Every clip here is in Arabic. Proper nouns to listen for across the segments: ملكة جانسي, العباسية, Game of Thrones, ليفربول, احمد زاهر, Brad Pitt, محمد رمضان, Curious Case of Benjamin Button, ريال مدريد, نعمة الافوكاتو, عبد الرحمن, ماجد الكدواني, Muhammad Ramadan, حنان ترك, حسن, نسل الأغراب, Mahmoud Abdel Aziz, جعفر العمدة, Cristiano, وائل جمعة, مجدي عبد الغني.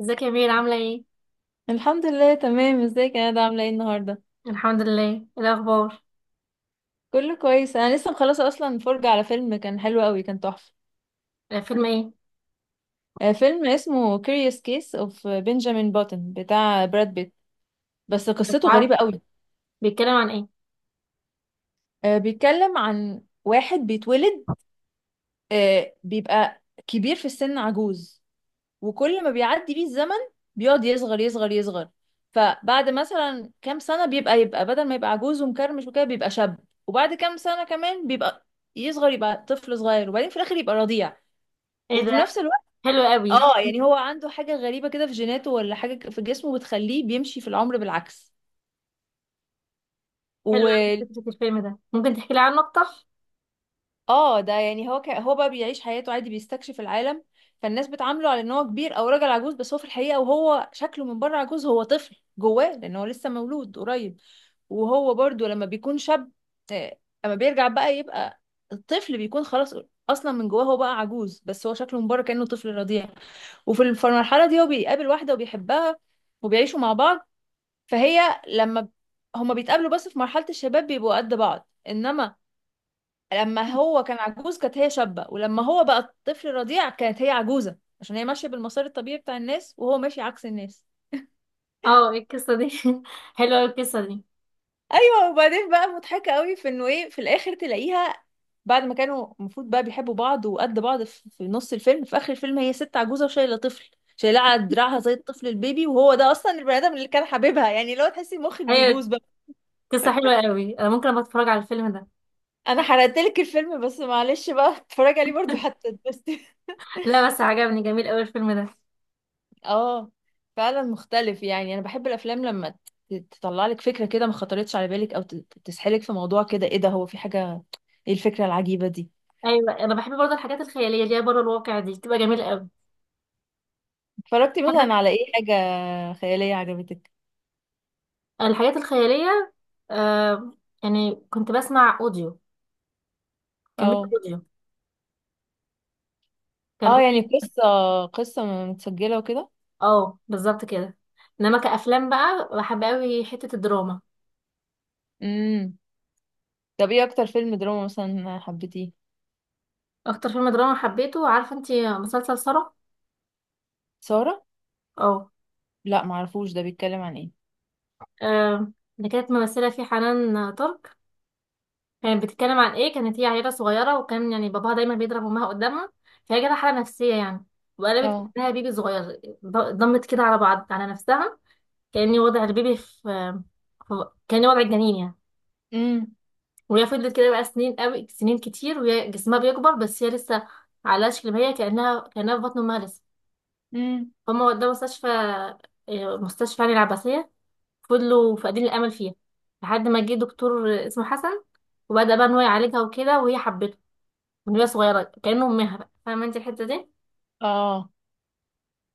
ازيك يا مير عاملة ايه؟ الحمد لله، تمام. ازيك يا ندى؟ عامله ايه النهارده؟ الحمد لله، ايه الأخبار؟ كله كويس. انا لسه مخلصه اصلا فرجه على فيلم، كان حلو قوي، كان تحفه. آه، فيلم ايه؟ فيلم اسمه Curious Case of Benjamin Button بتاع براد بيت. بس مش قصته عارفة، غريبه قوي. بيتكلم عن ايه؟ بيتكلم عن واحد بيتولد، بيبقى كبير في السن، عجوز. وكل ما بيعدي بيه الزمن بيقعد يصغر يصغر يصغر. فبعد مثلا كام سنة بيبقى، يبقى بدل ما يبقى عجوز ومكرمش وكده بيبقى شاب. وبعد كام سنة كمان بيبقى يصغر، يبقى طفل صغير، وبعدين في الآخر يبقى رضيع. ايه ده؟ وفي نفس الوقت، حلو قوي. اه يعني هو عنده حاجة غريبة كده في جيناته ولا حاجة في جسمه بتخليه بيمشي في العمر بالعكس. و حلو قوي فكرة الفيلم ده. ممكن تحكي لي عنه أكتر؟ اه ده يعني هو بقى بيعيش حياته عادي، بيستكشف العالم. فالناس بتعامله على ان هو كبير او راجل عجوز، بس هو في الحقيقة، وهو شكله من بره عجوز، هو طفل جواه لان هو لسه مولود قريب. وهو برضو لما بيكون شاب، آه، اما بيرجع بقى يبقى الطفل، بيكون خلاص اصلا من جواه هو بقى عجوز، بس هو شكله من بره كأنه طفل رضيع. وفي المرحلة دي هو بيقابل واحدة وبيحبها، وبيعيشوا مع بعض. فهي لما ب- هما بيتقابلوا بس في مرحلة الشباب بيبقوا قد بعض، انما لما هو كان عجوز كانت هي شابة، ولما هو بقى طفل رضيع كانت هي عجوزة، عشان هي ماشية بالمسار الطبيعي بتاع الناس وهو ماشي عكس الناس. اه، ايه القصة دي؟ حلوة قوي القصة دي. ايوه، وبعدين بقى مضحكه قوي في انه ايه، في الاخر تلاقيها بعد ما كانوا المفروض بقى بيحبوا بعض وقد بعض في نص الفيلم، في اخر الفيلم هي ست عجوزه وشايله طفل، شايلاه على دراعها زي الطفل البيبي، وهو ده اصلا البني ادم اللي كان حبيبها. يعني لو تحسي مخك أيوة. بيبوظ بقى. قصة حلوة قوي، أنا ممكن أبقى أتفرج على الفيلم ده. انا حرقت لك الفيلم، بس معلش بقى. اتفرجي عليه برضو حتى تبسطي. لا، بس عجبني، جميل قوي الفيلم ده. اه. فعلا مختلف. يعني انا بحب الافلام لما تطلع لك فكره كده ما خطرتش على بالك، او تسحلك في موضوع كده، ايه ده؟ هو في حاجه؟ ايه الفكره العجيبه دي؟ أيوة، أنا بحب برضه الحاجات الخيالية اللي هي بره الواقع دي، بتبقى جميلة قوي. اتفرجتي مثلا حاجة- على ايه حاجة خيالية عجبتك؟ الحاجات الخيالية. آه. يعني كنت بسمع أوديو، كان بيبقى اه، أوديو، كان اه. أوديو. يعني قصة متسجلة وكده. اه، بالظبط كده. انما كأفلام بقى بحب قوي حتة الدراما. امم. طب ايه اكتر فيلم دراما مثلا حبيتيه؟ اكتر فيلم دراما حبيته، عارفة انتي مسلسل سارة؟ سارة. اه. لا، معرفوش. ده بيتكلم عن ايه؟ آه، اللي كانت ممثلة فيه حنان ترك. كانت بتتكلم عن ايه، كانت هي عيلة صغيرة وكان يعني باباها دايما بيضرب امها قدامها. فهي جالها حالة نفسية يعني. وقلبت اه. كأنها بيبي صغير، ضمت كده على بعض على نفسها. كأني وضع البيبي في كأني وضع الجنين يعني. امم. وهي فضلت كده بقى سنين قوي، سنين كتير، وهي جسمها بيكبر بس هي لسه على شكل ما هي كأنها في بطن امها لسه. امم. فهم ودوها مستشفى. مستشفى يعني العباسية. فضلوا فاقدين الأمل فيها. لحد ما جه دكتور اسمه حسن. وبدأ بقى إن هو يعالجها وكده، وهي حبته من وهي صغيرة كأنه أمها، بقى فاهمة أنت الحتة دي. اه،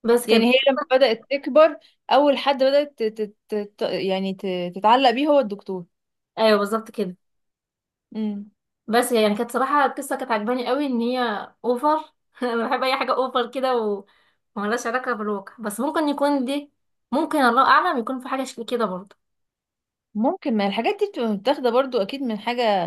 بس كان. يعني هي لما بدأت تكبر، اول حد بدأت يعني تتعلق بيه هو الدكتور. أيوه، بالظبط كده. امم. بس يعني كانت صراحة القصة كانت عجباني قوي ان هي اوفر. انا بحب اي حاجة اوفر كده وملهاش علاقة بالواقع، بس ممكن يكون دي، ممكن الله اعلم يكون في حاجة شكل كده برضه. ممكن. ما الحاجات دي بتبقى متاخدة برضو اكيد من حاجة.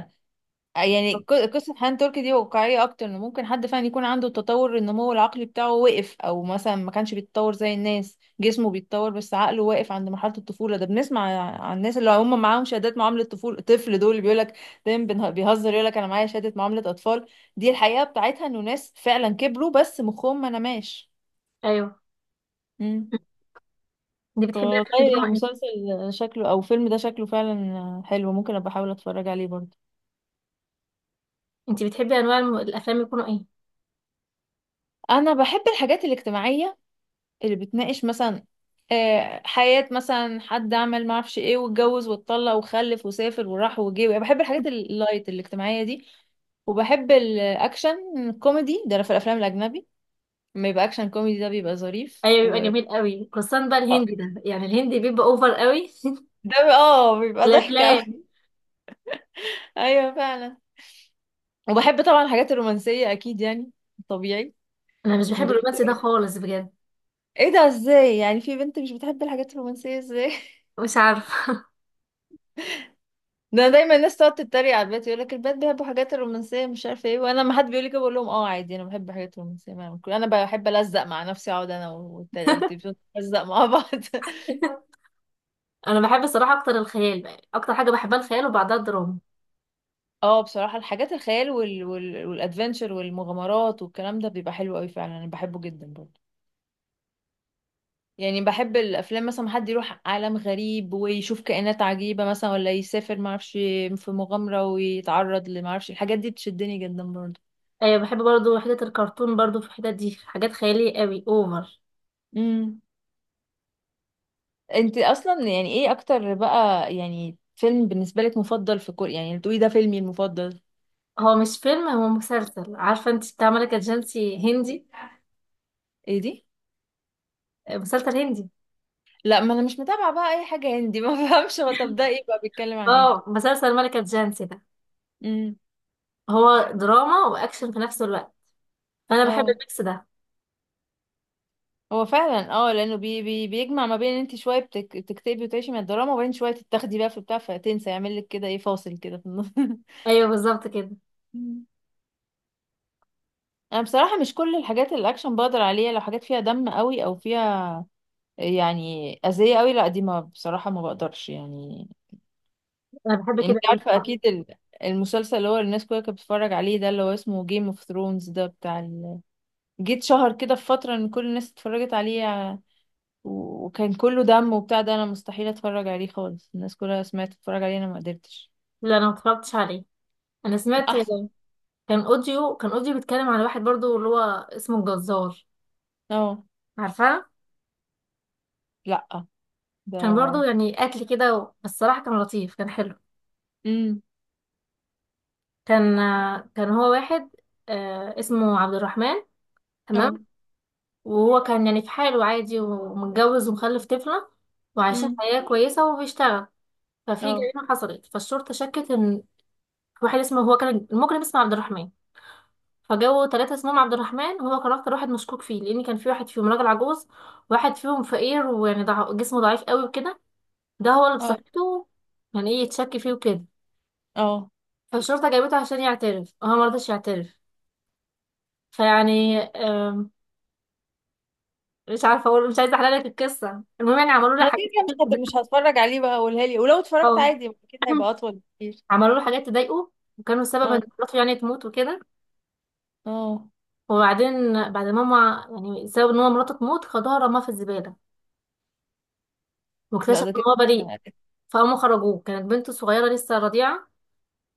يعني قصة حنان تركي دي واقعية أكتر، إن ممكن حد فعلا يكون عنده تطور النمو العقلي بتاعه وقف، أو مثلا ما كانش بيتطور زي الناس، جسمه بيتطور بس عقله واقف عند مرحلة الطفولة. ده بنسمع عن الناس اللي هم معاهم شهادات معاملة طفولة طفل، دول اللي بيقولك دايما، بيهزر يقولك أنا معايا شهادة معاملة أطفال. دي الحقيقة بتاعتها، إنه ناس فعلا كبروا بس مخهم ما نماش. ايوه. مم. انت بتحبي افلام والله، دراما ايه؟ المسلسل شكله أو الفيلم ده شكله فعلا حلو. ممكن أبقى أحاول أتفرج عليه برضه. انت بتحبي انواع الافلام يكونوا ايه؟ أنا بحب الحاجات الاجتماعية اللي بتناقش مثلا حياة مثلا حد عمل ما اعرفش ايه واتجوز واتطلق وخلف وسافر وراح وجه. يعني بحب الحاجات اللايت الاجتماعية دي. وبحب الاكشن كوميدي، ده في الافلام الاجنبي لما يبقى اكشن كوميدي ده بيبقى ظريف، ايوه، بيبقى جميل قوي، خصوصا بقى آه، الهندي ده، يعني الهندي بيبقى اوفر قوي. ده بيبقى ضحك الافلام. قوي. ايوه، فعلا. وبحب طبعا الحاجات الرومانسية اكيد يعني، طبيعي. انا مش من بحب غير الرومانسي ده سؤال. خالص، بجد. ايه ده؟ ازاي يعني في بنت مش بتحب الحاجات الرومانسية؟ ازاي؟ مش عارفة. ده دايما الناس تقعد تتريق على البنات، يقول لك البنات بيحبوا حاجات الرومانسيه مش عارفه ايه، وانا لما حد بيقول لي كده بقول لهم اه عادي، انا بحب حاجات رومانسيه، ما أعمل كده. انا بحب الزق مع نفسي، اقعد انا والتلفزيون نلزق مع بعض. انا بحب الصراحة اكتر الخيال، بقى اكتر حاجة بحبها الخيال وبعدها الدراما. اه، بصراحه الحاجات الخيال والادفنتشر والمغامرات والكلام ده بيبقى حلو قوي فعلا، انا بحبه جدا برضه. يعني بحب الافلام مثلا، حد يروح عالم غريب ويشوف كائنات عجيبه مثلا، ولا يسافر ما اعرفش في مغامره ويتعرض لما اعرفش، الحاجات دي بتشدني جدا. ايوه، بحب برضو حتة الكرتون، برضو في الحتة دي حاجات خيالية قوي اوفر. برضه. انت اصلا يعني ايه اكتر بقى، يعني فيلم بالنسبه لك مفضل في كوريا يعني تقولي ده فيلمي المفضل؟ هو مش فيلم، هو مسلسل، عارفة انت بتاع ملكة جانسي هندي؟ ايه دي؟ آه، مسلسل هندي. لا، ما انا مش متابعه بقى اي حاجه هندي. ما فهمش هو، طب ده ايه بقى؟ بيتكلم عن اه، ايه؟ مسلسل ملكة جانسي ده امم. هو دراما واكشن في نفس الوقت. فانا بحب اه الميكس ده. هو فعلا. اه، لانه بي بي بيجمع ما بين ان انت شويه بتكتبي وتعيشي من الدراما، وبين شويه تتاخدي بقى في بتاع، فتنسى يعمل لك كده ايه، فاصل كده في النص. ايوه، بالظبط كده. مم. انا بصراحه مش كل الحاجات الاكشن بقدر عليها، لو حاجات فيها دم قوي او فيها يعني اذيه قوي، لا دي ما، بصراحه ما بقدرش يعني. انا بحب لان انت كده قوي عارفة الصراحة. اكيد، المسلسل اللي هو الناس كلها كانت بتتفرج عليه ده اللي هو اسمه جيم اوف ثرونز، ده بتاع جيت شهر كده في فترة ان كل الناس اتفرجت عليه، وكان كله دم وبتاع ده، انا مستحيل اتفرج عليه خالص، الناس كلها سمعت تتفرج عليه، انا ما قدرتش. لا، انا متفرجتش عليه، انا سمعت. احسن. كان اوديو بيتكلم عن واحد برضو اللي هو اسمه الجزار. اه، عارفاه. لا، كان برضو ده. يعني قتل كده، بس الصراحة كان لطيف، كان حلو. امم. كان كان هو واحد، اسمه عبد الرحمن. تمام. اه. وهو كان يعني في حاله عادي ومتجوز ومخلف طفلة، وعايشين امم. حياة كويسة وبيشتغل. ففي اه. جريمة حصلت، فالشرطة شكت ان واحد اسمه، هو كان المجرم اسمه عبد الرحمن. فجابوا ثلاثة اسمهم عبد الرحمن، وهو كان أكتر واحد مشكوك فيه لأن كان في واحد فيهم راجل عجوز، واحد فيهم فقير ويعني جسمه ضعيف قوي وكده. ده هو اللي اه. بصحته يعني، ايه يتشك فيه وكده. اه. فالشرطة جابته عشان يعترف وهو مرضاش يعترف. فيعني، مش عارفه اقول، مش عايزه احلل لك القصه، المهم يعني عملوا له انا كده حاجات كده كتير تضايقه. مش هتفرج عليه بقى، قولها لي. ولو اتفرجت أوي. عادي اكيد هيبقى اطول بكتير. عملوا له حاجات تضايقه، وكانوا سبب ان اه. مراته يعني تموت وكده. اه، وبعدين بعد ما ماما، يعني سبب ان هو مراته تموت، خدها رماها في الزباله. لا، واكتشف ده ان كده. هو بريء. فقاموا خرجوه، كانت بنته صغيره لسه رضيعه.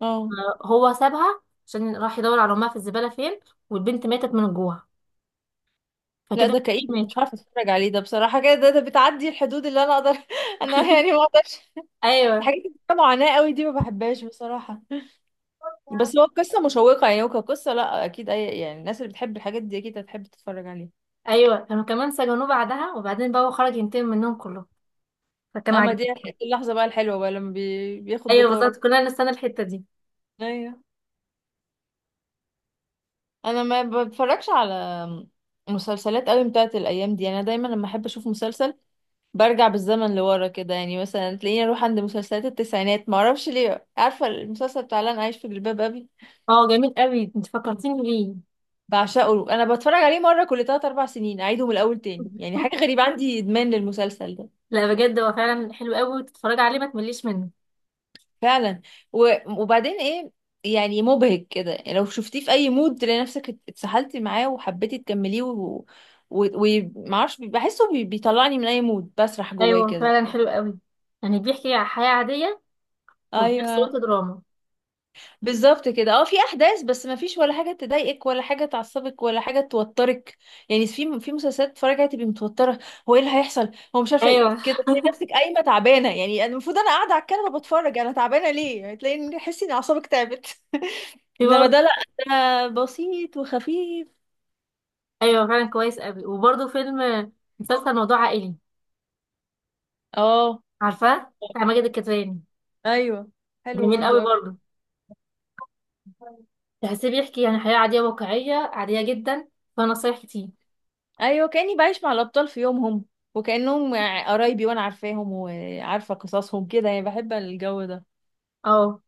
اه، هو سابها عشان راح يدور على امها في الزباله فين. والبنت ماتت من الجوع. فكده لا، ده كئيب، الاتنين مش ماتوا. عارفه اتفرج عليه، ده بصراحه كده ده بتعدي الحدود اللي انا اقدر. انا يعني ما اقدرش. ايوه، الحاجات اللي فيها معاناه قوي دي ما بحبهاش بصراحه. بس هو قصه مشوقه يعني، وكقصه لا اكيد، اي يعني الناس اللي بتحب الحاجات دي اكيد هتحب تتفرج عليها. ايوه. كانوا كمان سجنوه بعدها، وبعدين بقى هو خرج ينتقم منهم كلهم. فكان اما عاجبني. دي، اللحظه بقى الحلوه بقى لما بياخد ايوه بالظبط، بطاره. كلنا نستنى الحته دي. ايوه. انا ما بتفرجش على مسلسلات قوي بتاعت الايام دي، يعني انا دايما لما احب اشوف مسلسل برجع بالزمن لورا كده، يعني مثلا تلاقيني اروح عند مسلسلات التسعينات، ما اعرفش ليه. عارفه المسلسل بتاع لن عايش في جلباب ابي؟ اه جميل قوي، انت فكرتيني بيه. بعشقه، انا بتفرج عليه مره كل 3 4 سنين، اعيده من الاول تاني. يعني حاجه غريبه، عندي ادمان للمسلسل ده. لا، بجد هو فعلا حلو قوي، تتفرج عليه ما تمليش منه. فعلا. وبعدين ايه، يعني مبهج كده، يعني لو شفتيه في اي مود تلاقي نفسك اتسحلتي معاه وحبيتي تكمليه و... ومعرفش، بحسه بيطلعني من اي مود، بسرح جواه ايوه كده. فعلا، حلو قوي. يعني بيحكي عن حياة عادية وفي نفس ايوه الوقت دراما. بالظبط كده. اه، في احداث بس ما فيش ولا حاجه تضايقك ولا حاجه تعصبك ولا حاجه توترك. يعني في مسلسلات تتفرجي عليها تبقي متوتره، هو ايه اللي هيحصل؟ هو مش عارفه ايه ايوه، كده، تلاقي نفسك قايمه تعبانه، يعني أنا المفروض انا قاعده على الكنبه بتفرج، انا تعبانه ليه؟ يعني تلاقي ان، تحسي ان اعصابك تعبت. في انما برضه. ده لا، ده بسيط وخفيف. ايوه فعلا، كويس قوي. وبرضه فيلم، مسلسل موضوع عائلي، اه، عارفاه بتاع ماجد الكدواني. ايوه، حلو جميل برضو قوي أوي. برضه. تحسيه بيحكي يعني حياة عادية، واقعية عادية جدا، فيها نصايح كتير. ايوه، كاني بعيش مع الابطال في يومهم، وكانهم قرايبي، وانا عارفاهم وعارفه قصصهم كده، يعني بحب الجو ده. اه.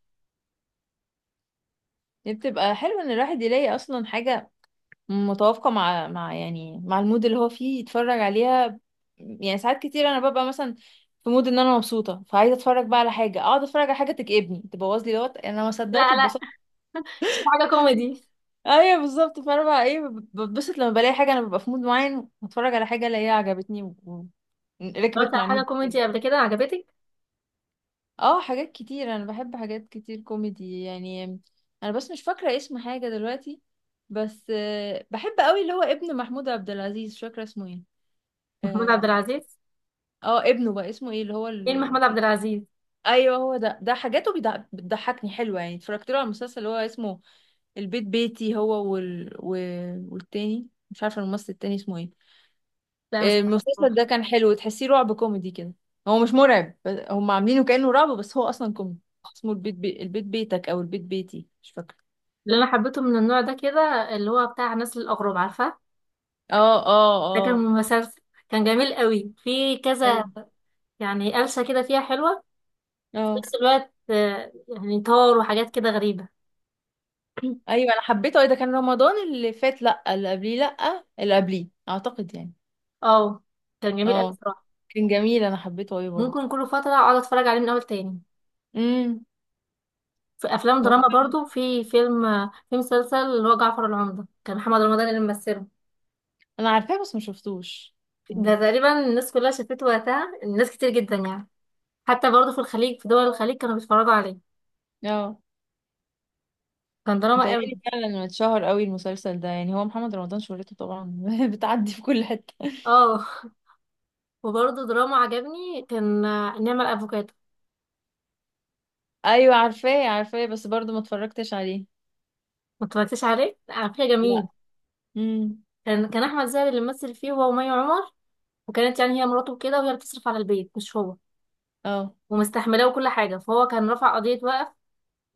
دي بتبقى حلو ان الواحد يلاقي اصلا حاجة متوافقة مع يعني مع المود اللي هو فيه، يتفرج عليها. يعني ساعات كتير انا ببقى مثلا في مود ان انا مبسوطة، فعايزة اتفرج بقى على حاجة، اقعد اتفرج على حاجة تكئبني، تبوظ لي دوت، انا ما صدقت لا، لا. اتبسطت. شوف حاجة كوميدي. ايوه بالظبط. فانا بقى ايه بتبسط لما بلاقي حاجة، انا ببقى في مود معين واتفرج على حاجة الاقيها عجبتني اتفرجت ركبت على مع حاجة المود. كوميدي قبل كده عجبتك؟ اه، حاجات كتير، انا بحب حاجات كتير كوميدي يعني. انا بس مش فاكره اسم حاجه دلوقتي. بس بحب قوي اللي هو ابن محمود عبد العزيز، مش فاكره اسمه ايه. محمود عبد اه. العزيز. ابنه بقى اسمه ايه، اللي هو فين محمود عبد العزيز. ايوه هو ده حاجاته بتضحكني، حلوه يعني. اتفرجت له على المسلسل اللي هو اسمه البيت بيتي، هو والتاني مش عارفه الممثل التاني اسمه ايه. لا، مش عارفة المسلسل الصراحة. ده كان حلو، تحسيه رعب كوميدي كده. هو مش مرعب، هم عاملينه كأنه رعب بس هو أصلا كوميدي. اسمه البيت البيت بيتك، أو البيت بيتي، مش فاكرة. اللي أنا حبيته من النوع ده كده، اللي هو بتاع نسل الأغراب، عارفة؟ اه. اه. ده كان اه. مسلسل. كان جميل قوي في كذا. ايوه. يعني قلشة كده فيها حلوة، في اه. نفس الوقت يعني طار وحاجات كده غريبة. ايوه، انا حبيته. ده كان رمضان اللي فات، لا اللي قبليه، لا اللي قبليه اعتقد يعني. اه. كان جميل قوي اه. بصراحة. كان جميل، انا حبيته قوي برضه. ممكن كل فترة أقعد أتفرج عليه من أول تاني. امم. في أفلام هو دراما فعلا. برضو، في فيلم، في مسلسل اللي هو جعفر العمدة، كان محمد رمضان اللي ممثله. انا عارفاه، بس ما شفتوش. مم. ده تقريبا الناس كلها شافته وقتها، الناس كتير جدا يعني. حتى برضو في الخليج، في دول الخليج كانوا بيتفرجوا عليه. اه، كان دراما قوي. متهيألي فعلا إنه اتشهر قوي المسلسل ده، يعني هو محمد رمضان شهرته طبعا بتعدي في كل حته. اه. وبرضه دراما عجبني كان نعمة الافوكاتو. ايوه، عارفاه عارفاه، بس برضو ما اتفرجتش عليه. ما اتفرجتش عليه لا، على فكرة جميل. لا. امم. كان احمد زاهر اللي ممثل فيه، هو ومي عمر. وكانت يعني هي مراته كده، وهي اللي بتصرف على البيت مش هو. اه. ومستحملاه وكل حاجة. فهو كان رفع قضية وقف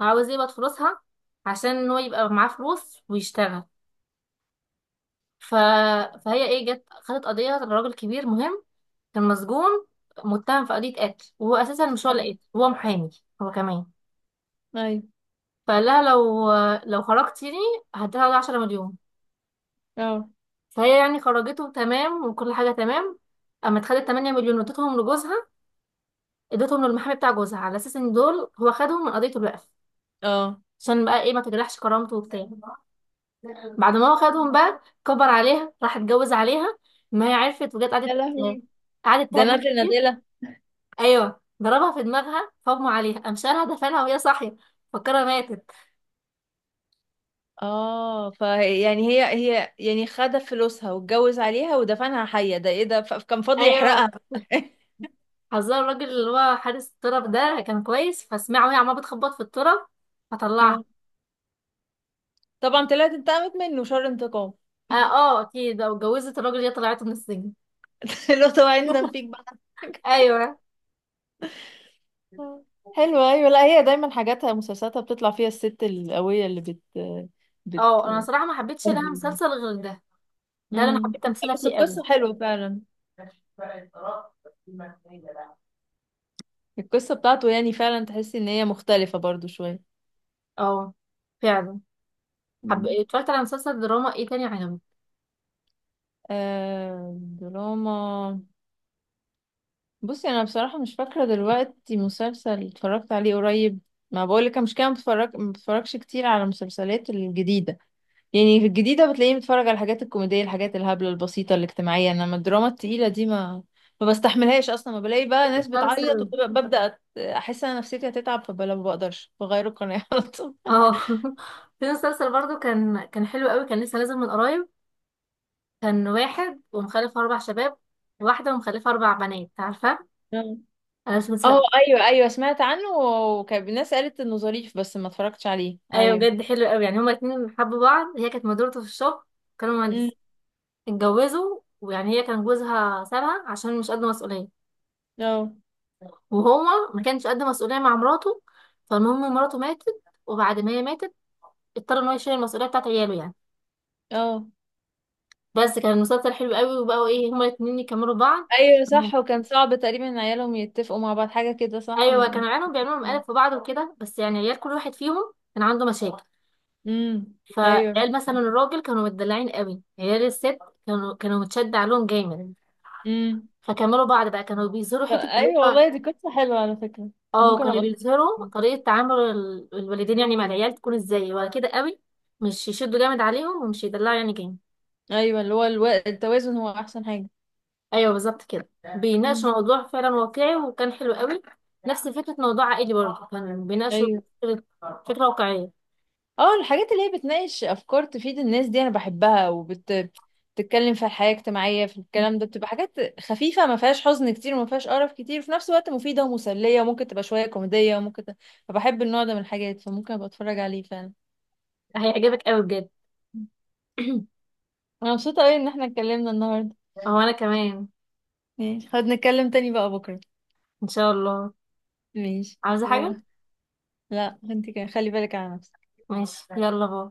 وعاوز يقبض فلوسها عشان هو يبقى معاه فلوس ويشتغل. ف... فهي ايه، جت خدت قضية لراجل كبير مهم، كان مسجون، متهم في قضية قتل وهو اساسا مش هو أيوة. اللي قتل، هو محامي هو كمان. ايوه. فقال لها لو خرجتيني هديها 10 مليون. اه. فهي يعني خرجته تمام، وكل حاجة تمام. اما اتخدت 8 مليون وادتهم لجوزها، ادتهم للمحامي بتاع جوزها على اساس ان دول هو خدهم من قضية الوقف، اه. عشان بقى ايه ما تجرحش كرامته وبتاع. بعد ما هو خدهم بقى كبر عليها، راح اتجوز عليها. ما هي عرفت وجت يا قعدت. لهوي! قعدت ده تهاجم نادلة كتير. نادلة! ايوه، ضربها في دماغها فاغمى عليها، قام شالها دفنها وهي صاحية، فكرها ماتت. اه، فيعني هي يعني خد فلوسها واتجوز عليها ودفنها حية، ده ايه ده؟ كان فاضي ايوه، يحرقها. حذر الراجل اللي هو حارس التراب ده كان كويس، فسمعه وهي عمالة بتخبط في التراب فطلعها. اه طبعا، طلعت انتقمت منه شر انتقام. اه. آه، اكيد لو اتجوزت الراجل ده، طلعته من السجن. لو طبعا، يندم فيك بقى. ايوه. آه. حلوة. ايوه، لا هي دايما حاجاتها مسلسلاتها بتطلع فيها الست القوية اللي بت اه انا صراحه ما حبيتش لها أهلاً. مسلسل غير ده، ده اللي انا امم. حبيت تمثيلها بس فيه قوي. القصة حلوة فعلا. القصة بتاعته يعني فعلا تحسي ان هي مختلفة برضو شوية. اه فعلا. مم. اتفرجت على مسلسل دراما ايه تاني عجبني. آه، دراما. بصي، انا بصراحة مش فاكرة دلوقتي مسلسل اتفرجت عليه قريب. ما بقولك أنا مش كده بتفرج، ما بتفرجش كتير على المسلسلات الجديدة. يعني في الجديدة بتلاقيني بتفرج على الحاجات الكوميدية، الحاجات الهبلة البسيطة الاجتماعية، انما الدراما التقيلة دي ما بستحملهاش اصلا، ما بلاقي في بقى ناس بتعيط مسلسل. وببدأ احس ان أنا نفسيتي هتتعب، فبلا ما بقدرش بغير القناة على طول. اه. في مسلسل برضو كان حلو قوي، كان لسه نازل من قريب. كان واحد ومخلف اربع شباب، واحده ومخلفه اربع بنات، عارفه. انا مش اه. ايوه، ايوه، سمعت عنه وكان الناس قالت انه ظريف، بس ما اتفرجتش عليه. ايوه ايوه. بجد حلو قوي. يعني هما اتنين حبوا بعض، هي كانت مديرته في الشغل، كانوا امم. مهندسين. اتجوزوا ويعني هي كان جوزها سابها عشان مش قد مسؤولية. اه. وهو ما كانش قد مسؤولية مع مراته. فالمهم مراته ماتت، وبعد ما هي ماتت اضطر ان هو يشيل المسؤولية بتاعت عياله يعني. اه. بس كان المسلسل حلو قوي، وبقوا ايه هما الاتنين يكملوا بعض. ايوه مم. صح. وكان صعب تقريبا ان عيالهم يتفقوا مع بعض حاجه كده، صح؟ ايوه، كانوا عيالهم بيعملوا مقالب في بعض وكده، بس يعني عيال كل واحد فيهم كان عنده مشاكل. امم. ايوه. فعيال مثلا الراجل كانوا متدلعين قوي، عيال الست كانوا متشد عليهم جامد. امم. فكملوا بعض بقى، كانوا بيظهروا حته اللي ايوه، هو، والله دي قصه حلوه على فكره. اه ممكن كانوا ابقى. بيظهروا طريقة تعامل الوالدين يعني مع العيال تكون ازاي، ولا كده قوي، مش يشدوا جامد عليهم ومش يدلعوا يعني جامد. ايوه، اللي هو التوازن هو احسن حاجه. ايوه، بالظبط كده. امم. بيناقشوا موضوع فعلا واقعي، وكان حلو قوي. نفس فكرة موضوع عائلي برضه، كان بيناقشوا ايوه. فكرة، فكرة واقعية. اه، الحاجات اللي هي بتناقش افكار تفيد الناس دي انا بحبها، بتتكلم في الحياة الاجتماعية في الكلام ده، بتبقى حاجات خفيفة ما فيهاش حزن كتير وما فيهاش قرف كتير، وفي نفس الوقت مفيدة ومسلية، وممكن تبقى شوية كوميدية، وممكن فبحب النوع ده من الحاجات، فممكن ابقى اتفرج عليه فعلا. هيعجبك قوي بجد. انا مبسوطة قوي ان احنا اتكلمنا النهاردة. هو انا كمان. ماشي، خد نتكلم تاني بقى بكرة. ان شاء الله. ماشي، عاوزة باي. حاجة؟ لا، انت كده خلي بالك على نفسك. ماشي، يلا باي.